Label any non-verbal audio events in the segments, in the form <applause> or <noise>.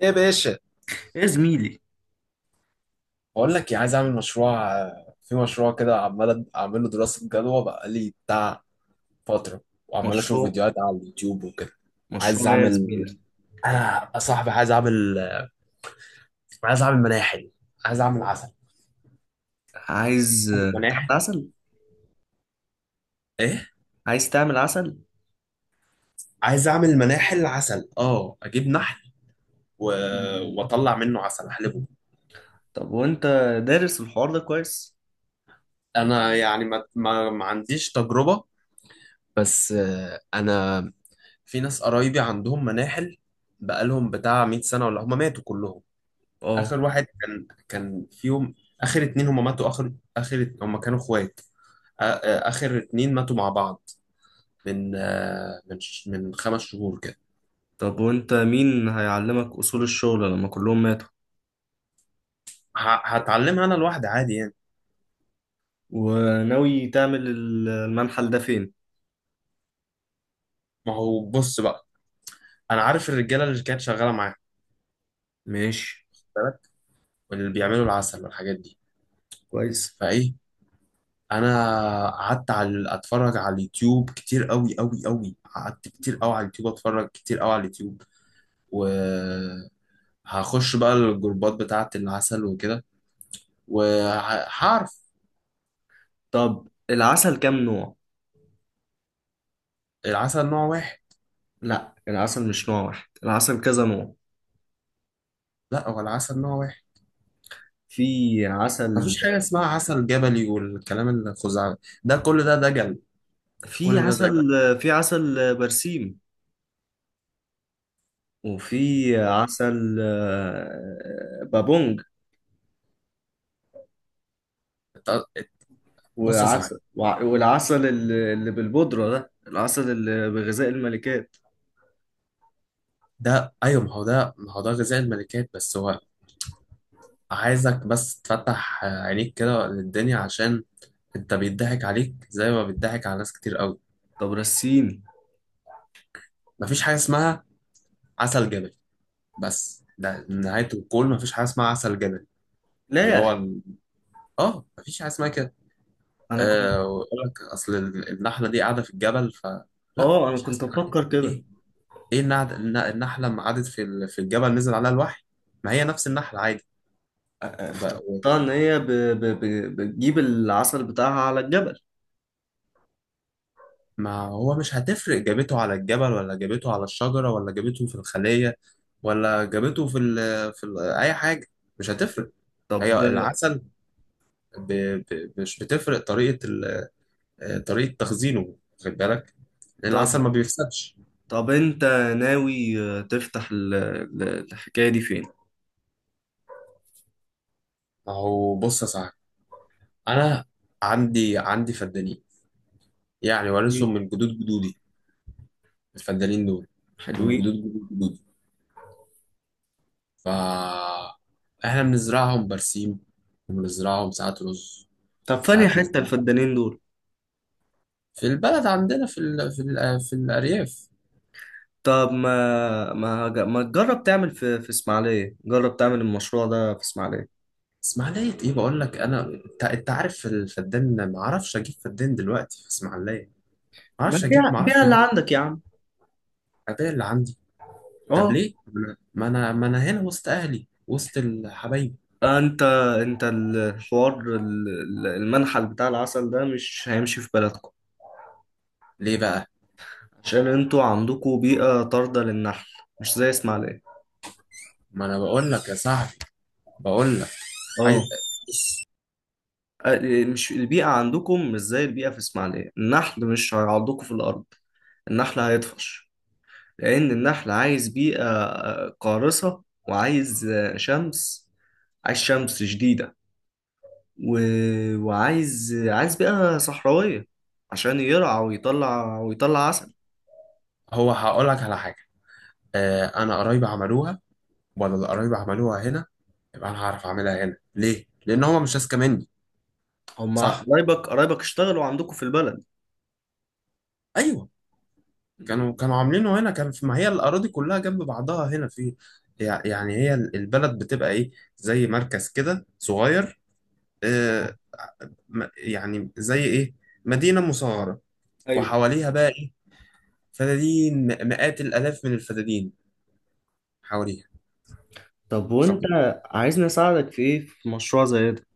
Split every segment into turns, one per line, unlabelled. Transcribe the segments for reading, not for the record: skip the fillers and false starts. ايه يا باشا،
يا زميلي،
بقول لك إيه، عايز اعمل مشروع في مشروع كده عمال اعمل له دراسه جدوى بقى لي بتاع فتره، وعمال اشوف
مشروع
فيديوهات على اليوتيوب وكده. عايز
مشروع يا
اعمل،
زميلي.
انا يا صاحبي عايز اعمل، عايز اعمل مناحل، عايز اعمل عسل.
عايز
عايز
تعمل
مناحل.
عسل.
ايه.
عايز تعمل عسل.
عايز اعمل مناحل عسل، اه اجيب نحل و...
مم.
واطلع منه عسل احلبه.
طب وانت دارس الحوار ده كويس؟
انا يعني ما عنديش تجربه، بس انا في ناس قرايبي عندهم مناحل، بقالهم بتاع 100 سنه ولا هم ماتوا كلهم.
اه.
اخر واحد كان فيهم، اخر اتنين هما ماتوا. اخر اخر هما كانوا اخوات، اخر اتنين ماتوا مع بعض من من خمس شهور كده.
طب وانت مين هيعلمك اصول الشغل لما كلهم ماتوا؟
هتعلمها انا لوحدي عادي يعني.
وناوي تعمل المنحل ده فين؟
ما هو بص بقى، انا عارف الرجاله اللي كانت شغاله معايا.
ماشي.
خد بالك؟ واللي بيعملوا العسل والحاجات دي.
كويس.
فايه، انا قعدت على اتفرج على اليوتيوب كتير قوي قوي قوي، قعدت كتير قوي على اليوتيوب اتفرج كتير قوي على اليوتيوب، و هخش بقى الجروبات بتاعة العسل وكده وعارف.
طب العسل كام نوع؟
العسل نوع واحد.
لا، العسل مش نوع واحد، العسل كذا نوع.
لا، هو العسل نوع واحد،
في عسل
مفيش حاجة اسمها عسل جبلي والكلام الخزعبلي، ده كل ده دجل،
في
كل ده دجل،
عسل في عسل برسيم، وفي
يعني.
عسل بابونج،
ت- بص يا صاحبي،
وعسل والعسل اللي بالبودرة، ده العسل اللي بغذاء الملكات.
ده ايوه، ما هو ده غذاء الملكات بس. هو عايزك بس تفتح عينيك كده للدنيا، عشان انت بيضحك عليك زي ما بيضحك على ناس كتير قوي.
طب رسيني.
مفيش حاجة اسمها عسل جبلي بس، ده نهاية الكون مفيش حاجة اسمها عسل جبلي.
لا
اللي
يا
هو
أخي.
ال- اه مفيش حاجة اسمها كده.
أنا كنت
آه، ويقول لك اصل النحله دي قاعده في الجبل، ف لا
أنا
مش
كنت
حاسس بحاجة.
بفكر كده.
ايه، ايه النحله لما قعدت في الجبل نزل عليها الوحي؟ ما هي نفس النحله عادي. ب- و-
افتكرتها إن هي بتجيب العسل بتاعها على الجبل.
ما هو مش هتفرق جابته على الجبل ولا جابته على الشجره ولا جابته في الخليه ولا جابته في ال، في ال اي حاجه، مش هتفرق.
طب
هي العسل ب... مش بتفرق طريقه طريقه تخزينه. خد بالك، العسل
طب
ما بيفسدش.
طب أنت ناوي تفتح الحكاية دي فين؟
ما هو بص يا صاحبي، انا عندي فدانين، يعني وارثهم من جدود جدودي. الفدانين دول من جدود
حلوين.
جدود جدودي، ف احنا بنزرعهم برسيم، وبنزرعهم ساعات رز،
طب فين
ساعات
حتة
نزرعهم.
الفدانين دول؟
في البلد عندنا في في الارياف.
طب ما تجرب تعمل في اسماعيلية، جرب تعمل المشروع ده في اسماعيلية.
اسماعيليه ايه، بقول لك انا، انت عارف الفدان، ما اعرفش اجيب فدان دلوقتي في اسماعيليه، ما
ما
اعرفش اجيب،
بيع
ما
بيع
اعرفش
اللي
اجيب.
عندك يا عم.
الاداه اللي عندي. طب
اه.
ليه، ما أنا هنا وسط اهلي وسط الحبايب.
انت انت الحوار المنحل بتاع العسل ده مش هيمشي في بلدكم.
ليه بقى؟
عشان انتوا عندكم بيئة طاردة للنحل، مش زي اسماعيلية.
ما انا بقول لك يا صاحبي، بقول عايز.
اه. مش البيئة عندكم مش زي البيئة في اسماعيلية، النحل مش هيعضكم في الأرض. النحل هيطفش، لأن النحل عايز بيئة قارصة، وعايز شمس، عايز شمس شديدة، و... وعايز عايز بيئة صحراوية عشان يرعى ويطلع عسل.
هو هقول لك على حاجه، آه انا قرايبي عملوها، ولا اللي قرايبي عملوها هنا، يبقى انا هعرف اعملها هنا. ليه؟ لان هما مش اذكى مني.
هما
صح.
قرايبك، قرايبك اشتغلوا عندكم في البلد.
ايوه. كانوا عاملينه هنا، كان في، ما هي الاراضي كلها جنب بعضها هنا في. يعني هي البلد بتبقى ايه، زي مركز كده صغير. آه، يعني زي ايه، مدينه مصغره.
ايوه.
وحواليها بقى ايه؟ فدادين، مئات الالاف من الفدادين حواليها.
طب وانت
خلاص.
عايزني اساعدك في ايه، في مشروع زي ده؟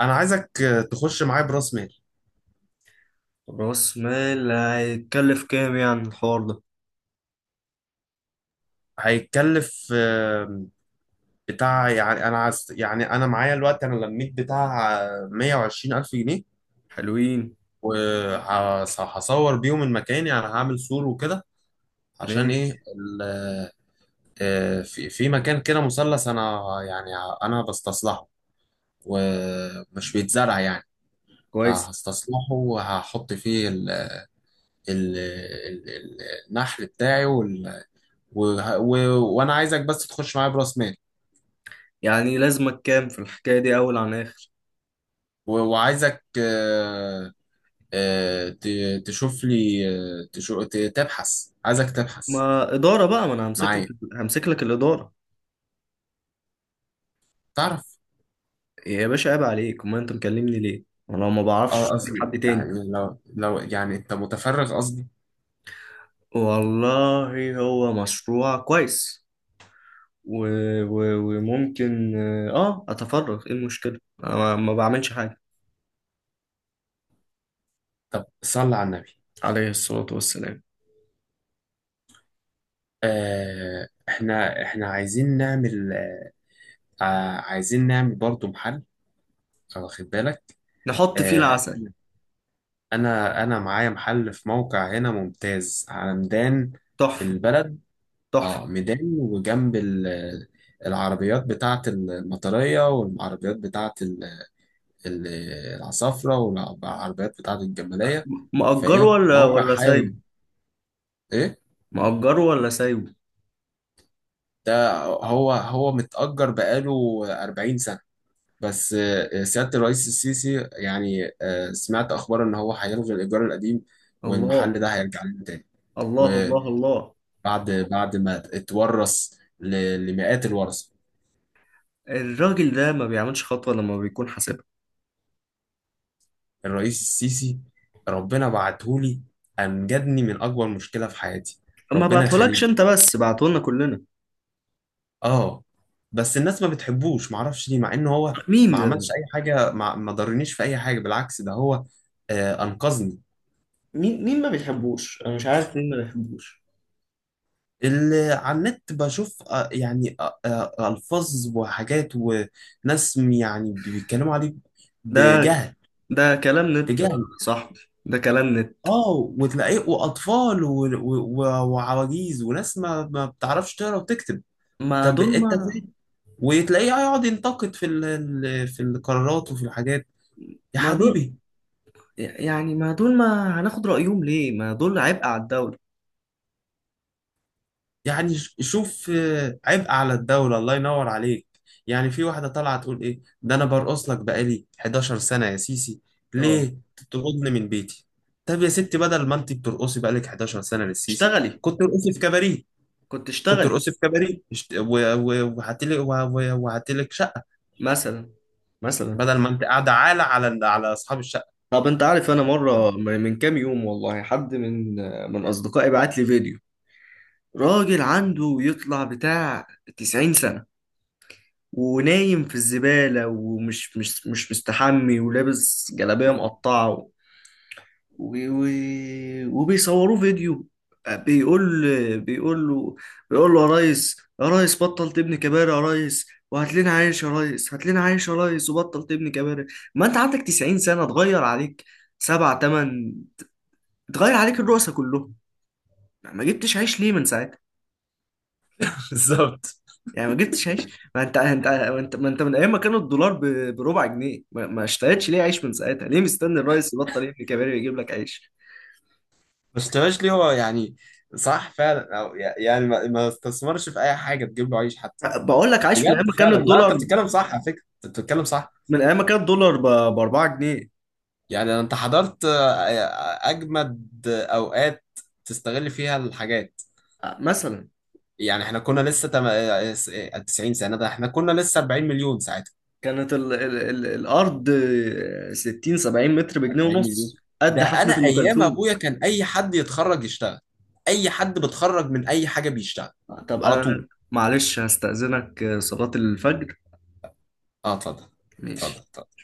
انا عايزك، تخش معايا براس مال.
راس مال هيتكلف كام يعني الحوار ده؟
هيتكلف، بتاع، يعني انا عايز، يعني انا معايا الوقت، انا لميت بتاع 120 الف جنيه،
حلوين.
وهصور بيهم المكان، يعني هعمل سور وكده عشان ايه
ماشي.
في في مكان كده مثلث انا، يعني انا بستصلحه ومش بيتزرع يعني،
كويس.
فهستصلحه وهحط فيه ال النحل بتاعي وانا عايزك بس تخش معايا براس مال.
يعني لازمك كام في الحكاية دي اول عن اخر؟
وعايزك، تشوف لي، تبحث، عايزك تبحث
ما إدارة بقى، ما أنا همسك لك،
معايا،
همسك لك الإدارة.
تعرف.
يا باشا عيب عليك، أمال أنت مكلمني ليه؟ أنا لو ما بعرفش
اه
أشوف لك
قصدي
حد تاني.
يعني لو يعني انت متفرغ قصدي.
والله هو مشروع كويس، و... و... وممكن. اه اتفرغ، ايه المشكلة، انا ما بعملش حاجة.
طب صل على النبي.
عليه الصلاة والسلام.
آه احنا عايزين نعمل، آه عايزين نعمل برضو محل، واخد بالك.
نحط فيه
آه
العسل.
انا معايا محل في موقع هنا ممتاز، على ميدان في
تحفة.
البلد.
تحفة.
اه ميدان، وجنب العربيات بتاعت المطرية، والعربيات بتاعت ال- العصافرة، والعربيات بتاعة الجمالية.
مأجره
فإيه،
ولا
موقع
ولا
حيوي.
سايبه؟
إيه،
مأجره ولا سايبه؟
ده هو هو متأجر بقاله 40 سنة. بس سيادة الرئيس السيسي يعني، سمعت أخبار إن هو هيلغي الإيجار القديم والمحل
الله.
ده هيرجع لنا تاني،
الله
وبعد،
الله الله.
بعد ما اتورث لمئات الورثة.
الراجل ده ما بيعملش خطوة لما بيكون حاسبها.
الرئيس السيسي ربنا بعتهولي، أنجدني من أكبر مشكلة في حياتي.
ما
ربنا
بعتهولكش
يخليه.
انت بس، بعتهولنا كلنا.
اه، بس الناس ما بتحبوش، معرفش ليه، مع ان هو
مين
ما عملش
ده؟
اي حاجه، ما ضرنيش في اي حاجه، بالعكس ده هو آه انقذني.
مين ما بيحبوش؟ انا مش عارف مين ما بيحبوش.
اللي على النت بشوف آه يعني آه آه الفاظ وحاجات وناس يعني بيتكلموا عليه
ده
بجهل،
ده كلام نت يا
بجهل.
صاحبي، ده كلام نت.
اه وتلاقيه واطفال وعواجيز وناس ما بتعرفش تقرا وتكتب.
ما
طب
دول
انت
ما
فين؟ وتلاقيه يقعد ينتقد في في القرارات وفي الحاجات. يا
ما دول،
حبيبي،
يعني ما دول ما هناخد رأيهم ليه، ما دول عبء على الدولة.
يعني شوف، عبء على الدولة، الله ينور عليك. يعني في واحدة طالعة تقول إيه ده، أنا برقص لك بقالي 11 سنة يا سيسي
اه.
ليه تطردني من بيتي. طب يا ستي، بدل ما أنت بترقصي بقالك 11 سنة للسيسي،
اشتغلي.
كنت ارقصي في كباريه.
كنت
كنت
اشتغلي.
ارقصي في كباريه، وهاتلك، وهاتلك شقة،
مثلا. مثلا.
بدل ما أنت قاعدة عالة على على أصحاب الشقة.
طب انت عارف، انا مرة من كام يوم، والله حد من اصدقائي بعت لي فيديو، راجل عنده يطلع بتاع 90 سنة، ونايم في الزبالة، ومش مش مش مستحمي، ولابس جلابية مقطعة، وبيصوروه فيديو. بيقول له، بيقول له: يا ريس يا ريس بطل تبني كباري يا ريس، وهات لنا عيش يا ريس، هات لنا عيش يا ريس، وبطل تبني كباري. ما انت عندك 90 سنة، اتغير عليك سبع تمن، اتغير عليك الرؤساء كلهم. يعني ما جبتش عيش ليه من ساعتها؟
<laughs> بالظبط.
يعني ما جبتش عيش، ما انت ما انت من ايام ما كان الدولار بربع جنيه، ما اشتريتش ليه عيش من ساعتها؟ ليه مستني الريس يبطل يبني كباري ويجيب لك عيش؟
ما اشتراش ليه هو يعني، صح فعلا، أو يعني ما استثمرش في أي حاجة تجيب له عيش.
بقول لك عايش من
بجد
ايام ما كان
فعلا، لا انت
الدولار،
بتتكلم صح، على فكره انت بتتكلم صح.
من ايام ما كان الدولار ب 4 جنيه.
يعني انت حضرت، اجمد اوقات تستغل فيها الحاجات.
مثلا.
يعني احنا كنا لسه تم... آه، س- آه، 90 سنه ده احنا كنا لسه 40 مليون ساعتها.
كانت ال ال ال الارض 60 70 متر بجنيه
40 مليون،
ونص،
ده
قد حفله
انا
ام
ايام
كلثوم.
ابويا كان اي حد يتخرج يشتغل، اي حد بتخرج من اي حاجه بيشتغل.
طب
على طول.
انا معلش هستأذنك، صلاه الفجر.
اه اتفضل.
ماشي.
اتفضل اتفضل.